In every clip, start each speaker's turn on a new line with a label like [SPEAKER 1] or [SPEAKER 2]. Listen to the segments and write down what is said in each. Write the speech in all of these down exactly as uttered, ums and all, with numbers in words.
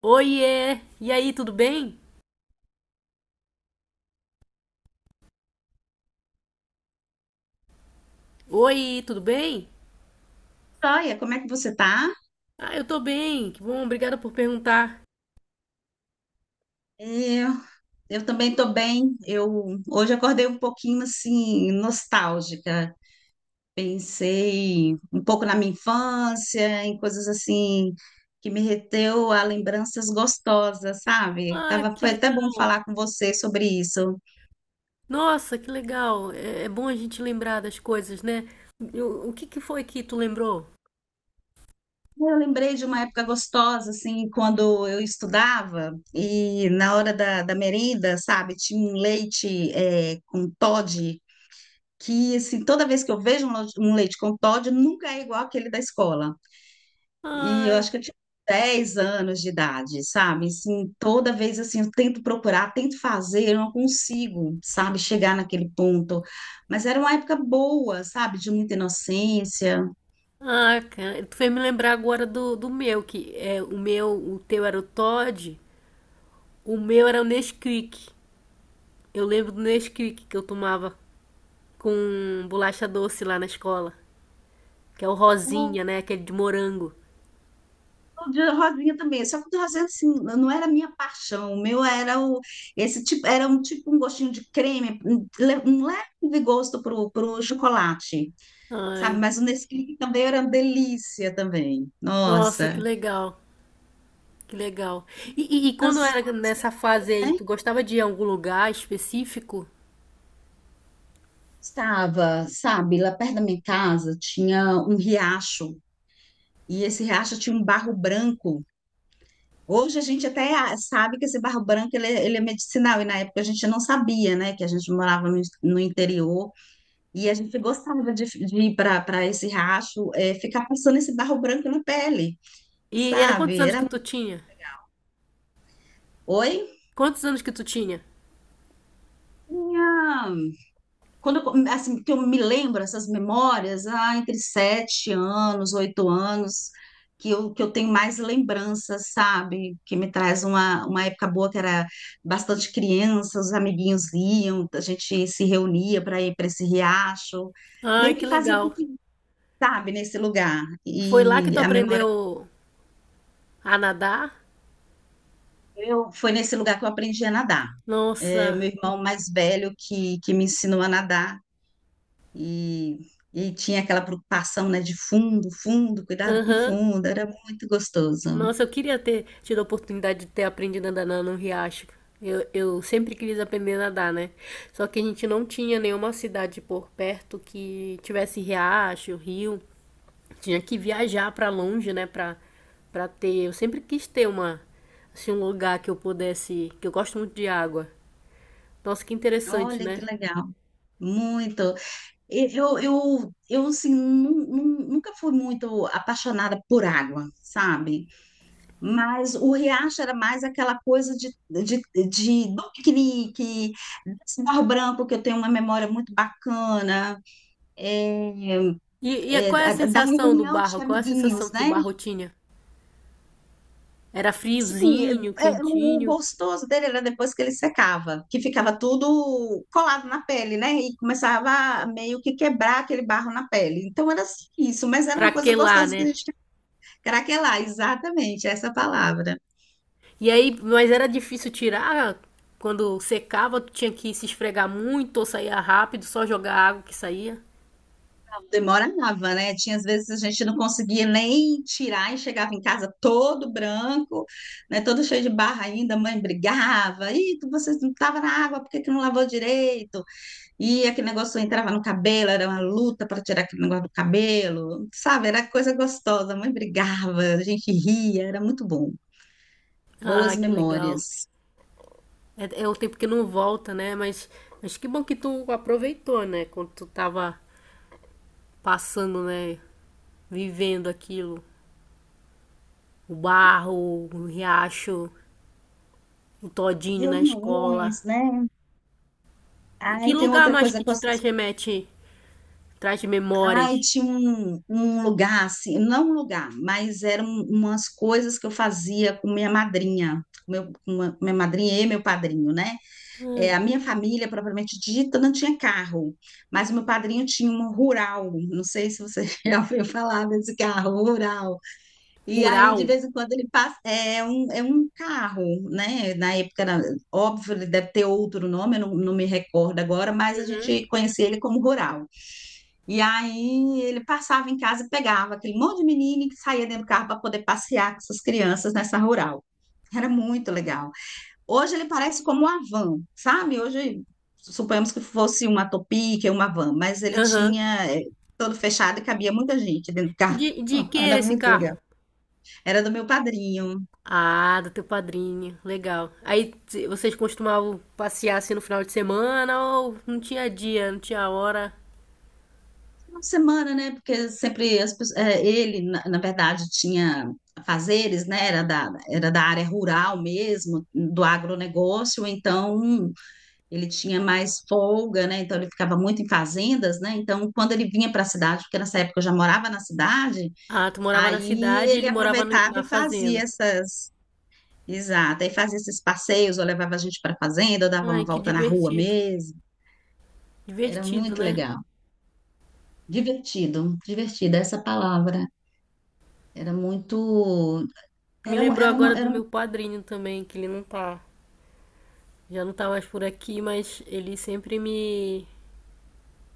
[SPEAKER 1] Oiê! E aí, tudo bem? Oi, tudo bem?
[SPEAKER 2] Joia, como é que você tá?
[SPEAKER 1] Ah, eu tô bem, que bom, obrigada por perguntar.
[SPEAKER 2] Eu, eu também tô bem. Eu hoje acordei um pouquinho assim nostálgica. Pensei um pouco na minha infância, em coisas assim que me reteu a lembranças gostosas, sabe?
[SPEAKER 1] Ah,
[SPEAKER 2] Tava,
[SPEAKER 1] que
[SPEAKER 2] foi até bom
[SPEAKER 1] legal!
[SPEAKER 2] falar com você sobre isso.
[SPEAKER 1] Nossa, que legal! É, é bom a gente lembrar das coisas, né? Eu- o que que foi que tu lembrou?
[SPEAKER 2] Eu lembrei de uma época gostosa, assim, quando eu estudava e na hora da, da merenda, sabe, tinha um leite eh, com Toddy que assim, toda vez que eu vejo um lo- um leite com Toddy, nunca é igual aquele da escola. E eu
[SPEAKER 1] Ai,
[SPEAKER 2] acho que eu tinha dez anos de idade, sabe? Assim, toda vez assim, eu tento procurar, tento fazer, eu não consigo, sabe, chegar naquele ponto. Mas era uma época boa, sabe, de muita inocência.
[SPEAKER 1] ah, cara, tu fez me lembrar agora do, do meu, que é o meu, o teu era o Todd, o meu era o Nesquik. Eu lembro do Nesquik que eu tomava com bolacha doce lá na escola, que é o
[SPEAKER 2] O
[SPEAKER 1] rosinha, né? Aquele de morango.
[SPEAKER 2] o de Rosinha também, só que o de Rosinha assim, não era a minha paixão, o meu era o esse tipo, era um tipo um gostinho de creme, um le- um leve gosto pro, pro chocolate.
[SPEAKER 1] Ai.
[SPEAKER 2] Sabe? Mas o Nesquik também era uma delícia também.
[SPEAKER 1] Nossa,
[SPEAKER 2] Nossa,
[SPEAKER 1] que legal, que legal. E, e, e quando
[SPEAKER 2] quantas,
[SPEAKER 1] era
[SPEAKER 2] quantas
[SPEAKER 1] nessa fase
[SPEAKER 2] memórias,
[SPEAKER 1] aí,
[SPEAKER 2] né?
[SPEAKER 1] tu gostava de ir a algum lugar específico?
[SPEAKER 2] Estava, sabe, lá perto da minha casa tinha um riacho e esse riacho tinha um barro branco. Hoje a gente até ah, sabe que esse barro branco ele, é ele é medicinal e na época a gente não sabia, né? Que a gente morava no, no interior e a gente gostava de, de ir para esse riacho, é ficar passando esse barro branco na pele,
[SPEAKER 1] E era quantos
[SPEAKER 2] sabe?
[SPEAKER 1] anos que
[SPEAKER 2] Era,
[SPEAKER 1] tu tinha?
[SPEAKER 2] oi?
[SPEAKER 1] Quantos anos que tu tinha?
[SPEAKER 2] Tinha quando eu, assim, que eu me lembro essas memórias, ah, entre sete anos, oito anos, que eu, que eu tenho mais lembranças, sabe? Que me traz uma, uma época boa que era bastante criança, os amiguinhos iam, a gente se reunia para ir para esse riacho,
[SPEAKER 1] Ai,
[SPEAKER 2] meio
[SPEAKER 1] que
[SPEAKER 2] que fazia
[SPEAKER 1] legal.
[SPEAKER 2] piquenique, sabe, nesse lugar.
[SPEAKER 1] Foi lá que
[SPEAKER 2] E
[SPEAKER 1] tu
[SPEAKER 2] a memória
[SPEAKER 1] aprendeu a nadar?
[SPEAKER 2] que eu foi nesse lugar que eu aprendi a nadar. É, o meu
[SPEAKER 1] Nossa,
[SPEAKER 2] irmão mais velho que, que me ensinou a nadar. E, e tinha aquela preocupação, né, de fundo, fundo, cuidado com
[SPEAKER 1] aham.
[SPEAKER 2] fundo, era muito gostoso.
[SPEAKER 1] Nossa, eu queria ter tido a oportunidade de ter aprendido a nadar no riacho. Eu, eu sempre quis aprender a nadar, né? Só que a gente não tinha nenhuma cidade por perto que tivesse riacho, rio. Tinha que viajar para longe, né, para para ter, eu sempre quis ter uma assim um lugar que eu pudesse, que eu gosto muito de água. Nossa, que interessante,
[SPEAKER 2] Olha que
[SPEAKER 1] né?
[SPEAKER 2] legal, muito. E Eu, eu, eu assim, nu- nu- nunca fui muito apaixonada por água, sabe? Mas o riacho era mais aquela coisa de, de, de do piquenique, desse Barro Branco, que eu tenho uma memória muito bacana, é,
[SPEAKER 1] E, e é,
[SPEAKER 2] é,
[SPEAKER 1] qual é a
[SPEAKER 2] da da
[SPEAKER 1] sensação do
[SPEAKER 2] reunião
[SPEAKER 1] barro?
[SPEAKER 2] de
[SPEAKER 1] Qual é a sensação
[SPEAKER 2] amiguinhos,
[SPEAKER 1] que o
[SPEAKER 2] né?
[SPEAKER 1] barro tinha? Era
[SPEAKER 2] Sim, é-
[SPEAKER 1] friozinho,
[SPEAKER 2] é- o
[SPEAKER 1] quentinho,
[SPEAKER 2] gostoso dele era depois que ele secava, que ficava tudo colado na pele, né? E começava a meio que quebrar aquele barro na pele. Então era assim, isso, mas era uma coisa
[SPEAKER 1] craquelar,
[SPEAKER 2] gostosa que a
[SPEAKER 1] né?
[SPEAKER 2] gente craquelar, exatamente essa palavra.
[SPEAKER 1] E aí, mas era difícil tirar. Quando secava, tu tinha que se esfregar muito ou saía rápido, só jogar água que saía.
[SPEAKER 2] Demorava, né? Tinha às vezes a gente não conseguia nem tirar e chegava em casa todo branco, né? Todo cheio de barro ainda, a mãe brigava, e você não estava na água, por que que não lavou direito? E aquele negócio entrava no cabelo, era uma luta para tirar aquele negócio do cabelo, sabe? Era coisa gostosa, a mãe brigava, a gente ria, era muito bom.
[SPEAKER 1] Ah,
[SPEAKER 2] Boas
[SPEAKER 1] que legal.
[SPEAKER 2] memórias.
[SPEAKER 1] É, é o tempo que não volta, né? Mas, mas que bom que tu aproveitou, né? Quando tu tava passando, né? Vivendo aquilo. O barro, o riacho, o todinho na escola.
[SPEAKER 2] Reuniões, né?
[SPEAKER 1] E que
[SPEAKER 2] Aí tem
[SPEAKER 1] lugar
[SPEAKER 2] outra
[SPEAKER 1] mais que
[SPEAKER 2] coisa. Com
[SPEAKER 1] te traz
[SPEAKER 2] as-
[SPEAKER 1] remete, traz memórias?
[SPEAKER 2] Ai, tinha um, um lugar, assim, não um lugar, mas eram umas coisas que eu fazia com minha madrinha, meu, com uma- minha madrinha e meu padrinho, né? É,
[SPEAKER 1] Ai,
[SPEAKER 2] a minha família, propriamente dita, não tinha carro, mas o meu padrinho tinha um rural. Não sei se você já ouviu falar desse carro, rural. E aí, de
[SPEAKER 1] rural?
[SPEAKER 2] vez em quando, ele passa. É um, é um carro, né? Na época, era- óbvio, ele deve ter outro nome, eu não, não me recordo agora, mas a gente conhecia ele como rural. E aí, ele passava em casa e pegava aquele monte de menino que saía dentro do carro para poder passear com essas crianças nessa rural. Era muito legal. Hoje ele parece como uma van, sabe? Hoje, suponhamos que fosse uma Topic, uma van, mas ele
[SPEAKER 1] Aham.
[SPEAKER 2] tinha eh, todo fechado e cabia muita gente dentro do
[SPEAKER 1] E
[SPEAKER 2] carro.
[SPEAKER 1] De, de quem
[SPEAKER 2] Era
[SPEAKER 1] era esse
[SPEAKER 2] muito
[SPEAKER 1] carro?
[SPEAKER 2] legal. Era do meu padrinho.
[SPEAKER 1] Ah, do teu padrinho. Legal. Aí t- vocês costumavam passear assim no final de semana ou não tinha dia, não tinha hora?
[SPEAKER 2] Uma semana, né? Porque sempre as pessoas- eh, ele, na, na verdade, tinha fazeres, né? Era da, era da área rural mesmo, do agronegócio, então ele tinha mais folga, né? Então ele ficava muito em fazendas, né? Então, quando ele vinha para a cidade, porque nessa época eu já morava na cidade,
[SPEAKER 1] Ah, tu morava na
[SPEAKER 2] aí
[SPEAKER 1] cidade e
[SPEAKER 2] ele
[SPEAKER 1] ele morava no-
[SPEAKER 2] aproveitava
[SPEAKER 1] na
[SPEAKER 2] e fazia
[SPEAKER 1] fazenda.
[SPEAKER 2] essas. Exato, aí fazia esses passeios, ou levava a gente para a fazenda, ou dava uma
[SPEAKER 1] Ai, que
[SPEAKER 2] volta na rua
[SPEAKER 1] divertido.
[SPEAKER 2] mesmo. Era
[SPEAKER 1] Divertido,
[SPEAKER 2] muito
[SPEAKER 1] né?
[SPEAKER 2] legal. Divertido, divertido essa palavra. Era muito.
[SPEAKER 1] Me
[SPEAKER 2] Era,
[SPEAKER 1] lembrou
[SPEAKER 2] era,
[SPEAKER 1] agora do
[SPEAKER 2] era,
[SPEAKER 1] meu padrinho também, que ele não tá, já não tá mais por aqui, mas ele sempre me.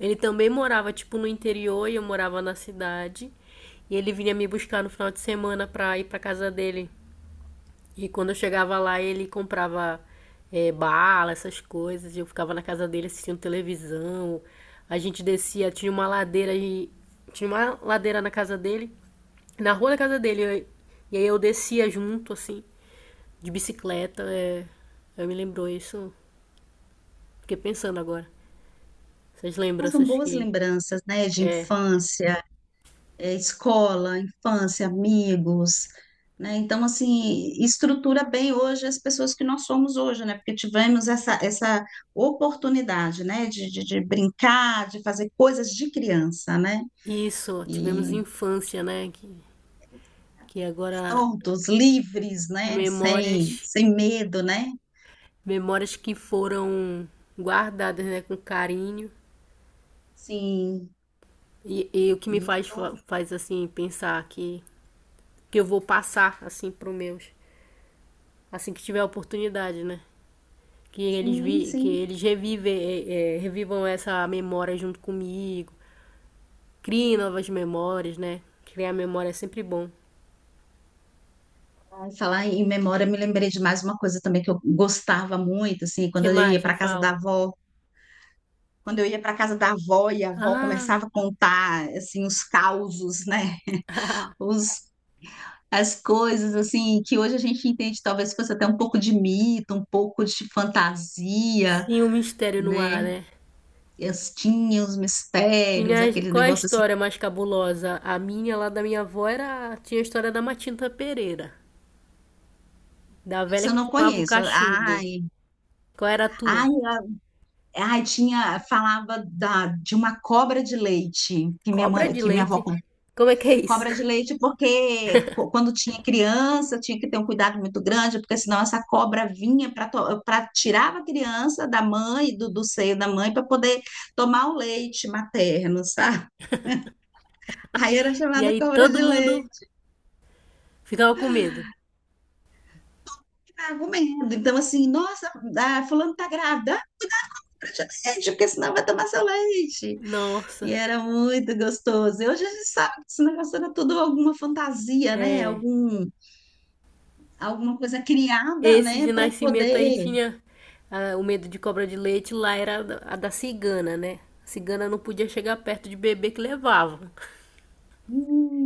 [SPEAKER 1] Ele também morava, tipo, no interior e eu morava na cidade. E ele vinha me buscar no final de semana pra ir pra casa dele. E quando eu chegava lá, ele comprava eh, bala, essas coisas. e Eu ficava na casa dele assistindo televisão. A gente descia, tinha uma ladeira e tinha uma ladeira na casa dele, na rua da casa dele. eu- E aí eu descia junto, assim, de bicicleta. É, eu me lembrou isso. Fiquei pensando agora. Essas
[SPEAKER 2] eram
[SPEAKER 1] lembranças
[SPEAKER 2] boas
[SPEAKER 1] que.
[SPEAKER 2] lembranças, né, de infância. É, escola, infância, amigos, né? Então, assim, estrutura bem hoje as pessoas que nós somos hoje, né? Porque tivemos essa, essa oportunidade, né? De, de, de brincar, de fazer coisas de criança, né?
[SPEAKER 1] Isso, tivemos
[SPEAKER 2] E
[SPEAKER 1] infância, né? Que, que agora
[SPEAKER 2] soltos, livres, né? Sem,
[SPEAKER 1] memórias,
[SPEAKER 2] sem medo, né?
[SPEAKER 1] memórias que foram guardadas, né, com carinho.
[SPEAKER 2] Sim,
[SPEAKER 1] E, e o que me faz,
[SPEAKER 2] isso,
[SPEAKER 1] fa- faz assim, pensar que, que eu vou passar, assim, pros meus. Assim que tiver a oportunidade, né? Que eles,
[SPEAKER 2] sim,
[SPEAKER 1] vi, que
[SPEAKER 2] sim.
[SPEAKER 1] eles revive, é, é, revivam essa memória junto comigo. Criem novas memórias, né? Criar memória é sempre bom.
[SPEAKER 2] Ai, falar em memória, me lembrei de mais uma coisa também que eu gostava muito, assim, quando
[SPEAKER 1] que
[SPEAKER 2] eu ia
[SPEAKER 1] mais? Me
[SPEAKER 2] para casa da
[SPEAKER 1] fala.
[SPEAKER 2] avó. Quando eu ia para casa da avó e a avó
[SPEAKER 1] Ah!
[SPEAKER 2] começava a contar assim os causos, né? Os as coisas assim que hoje a gente entende talvez fosse até um pouco de mito, um pouco de fantasia,
[SPEAKER 1] Sim, o mistério no ar,
[SPEAKER 2] né?
[SPEAKER 1] né?
[SPEAKER 2] As, tinha os
[SPEAKER 1] Tinha,
[SPEAKER 2] mistérios, aquele
[SPEAKER 1] qual é a
[SPEAKER 2] negócio assim.
[SPEAKER 1] história mais cabulosa? A minha, lá da minha avó, era, tinha a história da Matinta Pereira, da velha
[SPEAKER 2] Essa eu
[SPEAKER 1] que
[SPEAKER 2] não
[SPEAKER 1] fumava o
[SPEAKER 2] conheço.
[SPEAKER 1] cachimbo.
[SPEAKER 2] Ai,
[SPEAKER 1] Qual era a tua?
[SPEAKER 2] ai, a- ai, tinha, falava da, de uma cobra de leite que minha
[SPEAKER 1] Cobra
[SPEAKER 2] mãe,
[SPEAKER 1] de
[SPEAKER 2] que minha avó.
[SPEAKER 1] leite? Como é que é isso?
[SPEAKER 2] Cobra de leite, porque co- quando tinha criança, tinha que ter um cuidado muito grande, porque senão essa cobra vinha para para tirar a criança da mãe, do, do seio da mãe, para poder tomar o leite materno, sabe? Aí era
[SPEAKER 1] E
[SPEAKER 2] chamada
[SPEAKER 1] aí
[SPEAKER 2] cobra
[SPEAKER 1] todo
[SPEAKER 2] de
[SPEAKER 1] mundo
[SPEAKER 2] leite.
[SPEAKER 1] ficava com medo.
[SPEAKER 2] Ficava medo. Então, assim, nossa, ah, fulano tá grávida, ah, cobra de leite, porque senão vai tomar seu leite. E
[SPEAKER 1] Nossa,
[SPEAKER 2] era muito gostoso. E hoje a gente sabe que esse negócio era tudo alguma fantasia, né?
[SPEAKER 1] é.
[SPEAKER 2] Algum, alguma coisa criada,
[SPEAKER 1] Esse
[SPEAKER 2] né,
[SPEAKER 1] de
[SPEAKER 2] para
[SPEAKER 1] nascimento aí
[SPEAKER 2] poder.
[SPEAKER 1] tinha ah, o medo de cobra de leite, lá era a da- a da cigana, né? A cigana não podia chegar perto de bebê que levava.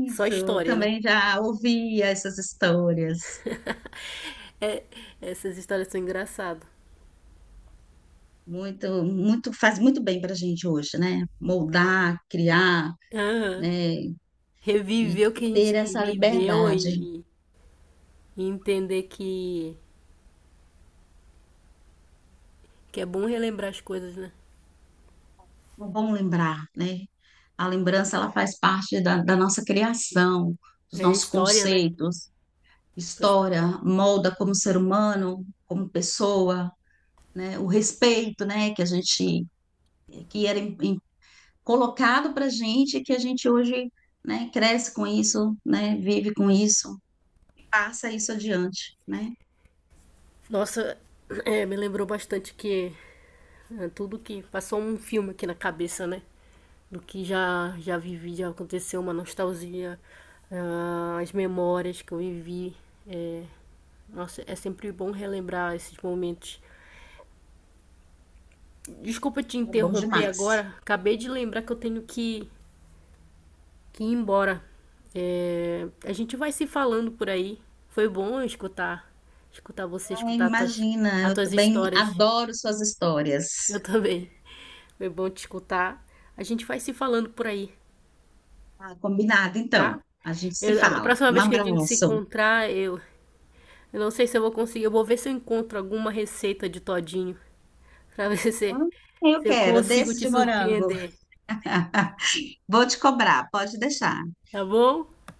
[SPEAKER 1] Só
[SPEAKER 2] Isso,
[SPEAKER 1] história, né?
[SPEAKER 2] também já ouvi essas histórias.
[SPEAKER 1] Essas histórias são engraçadas.
[SPEAKER 2] Muito, muito, faz muito bem para a gente hoje, né? Moldar, criar,
[SPEAKER 1] Aham.
[SPEAKER 2] né? E
[SPEAKER 1] Reviver o que a
[SPEAKER 2] ter
[SPEAKER 1] gente
[SPEAKER 2] essa
[SPEAKER 1] viveu
[SPEAKER 2] liberdade.
[SPEAKER 1] e, e- e entender que, que, é bom relembrar as coisas, né?
[SPEAKER 2] É bom lembrar, né? A lembrança, ela faz parte da, da nossa criação, dos
[SPEAKER 1] É
[SPEAKER 2] nossos
[SPEAKER 1] história, né?
[SPEAKER 2] conceitos.
[SPEAKER 1] Para
[SPEAKER 2] História molda como ser humano, como pessoa, né? O respeito, né? Que a gente, que era im- colocado para a gente que a gente hoje, né, cresce com isso, né, vive com isso, passa isso adiante, né?
[SPEAKER 1] Nossa, é, me lembrou bastante que é, tudo que passou um filme aqui na cabeça, né? Do que já já vivi, já aconteceu, uma nostalgia, ah, as memórias que eu vivi. Nossa, é sempre bom relembrar esses momentos. Desculpa te
[SPEAKER 2] É bom
[SPEAKER 1] interromper
[SPEAKER 2] demais.
[SPEAKER 1] agora, acabei de lembrar que eu tenho que, que ir embora. É, a gente vai se falando por aí. Foi bom escutar, escutar você,
[SPEAKER 2] Ai,
[SPEAKER 1] escutar as tuas,
[SPEAKER 2] imagina,
[SPEAKER 1] as
[SPEAKER 2] eu
[SPEAKER 1] tuas
[SPEAKER 2] também
[SPEAKER 1] histórias.
[SPEAKER 2] adoro suas histórias.
[SPEAKER 1] Eu também. Foi bom te escutar. A gente vai se falando por aí,
[SPEAKER 2] Ah, combinado,
[SPEAKER 1] tá?
[SPEAKER 2] então. A gente se
[SPEAKER 1] Eu- a
[SPEAKER 2] fala.
[SPEAKER 1] próxima
[SPEAKER 2] Um
[SPEAKER 1] vez que a gente se
[SPEAKER 2] abraço.
[SPEAKER 1] encontrar, eu, eu não sei se eu vou conseguir. Eu vou ver se eu encontro alguma receita de todinho pra ver se,
[SPEAKER 2] Ah,
[SPEAKER 1] se
[SPEAKER 2] eu
[SPEAKER 1] eu
[SPEAKER 2] quero,
[SPEAKER 1] consigo
[SPEAKER 2] desses
[SPEAKER 1] te
[SPEAKER 2] de morango.
[SPEAKER 1] surpreender,
[SPEAKER 2] Vou te cobrar, pode deixar.
[SPEAKER 1] tá bom?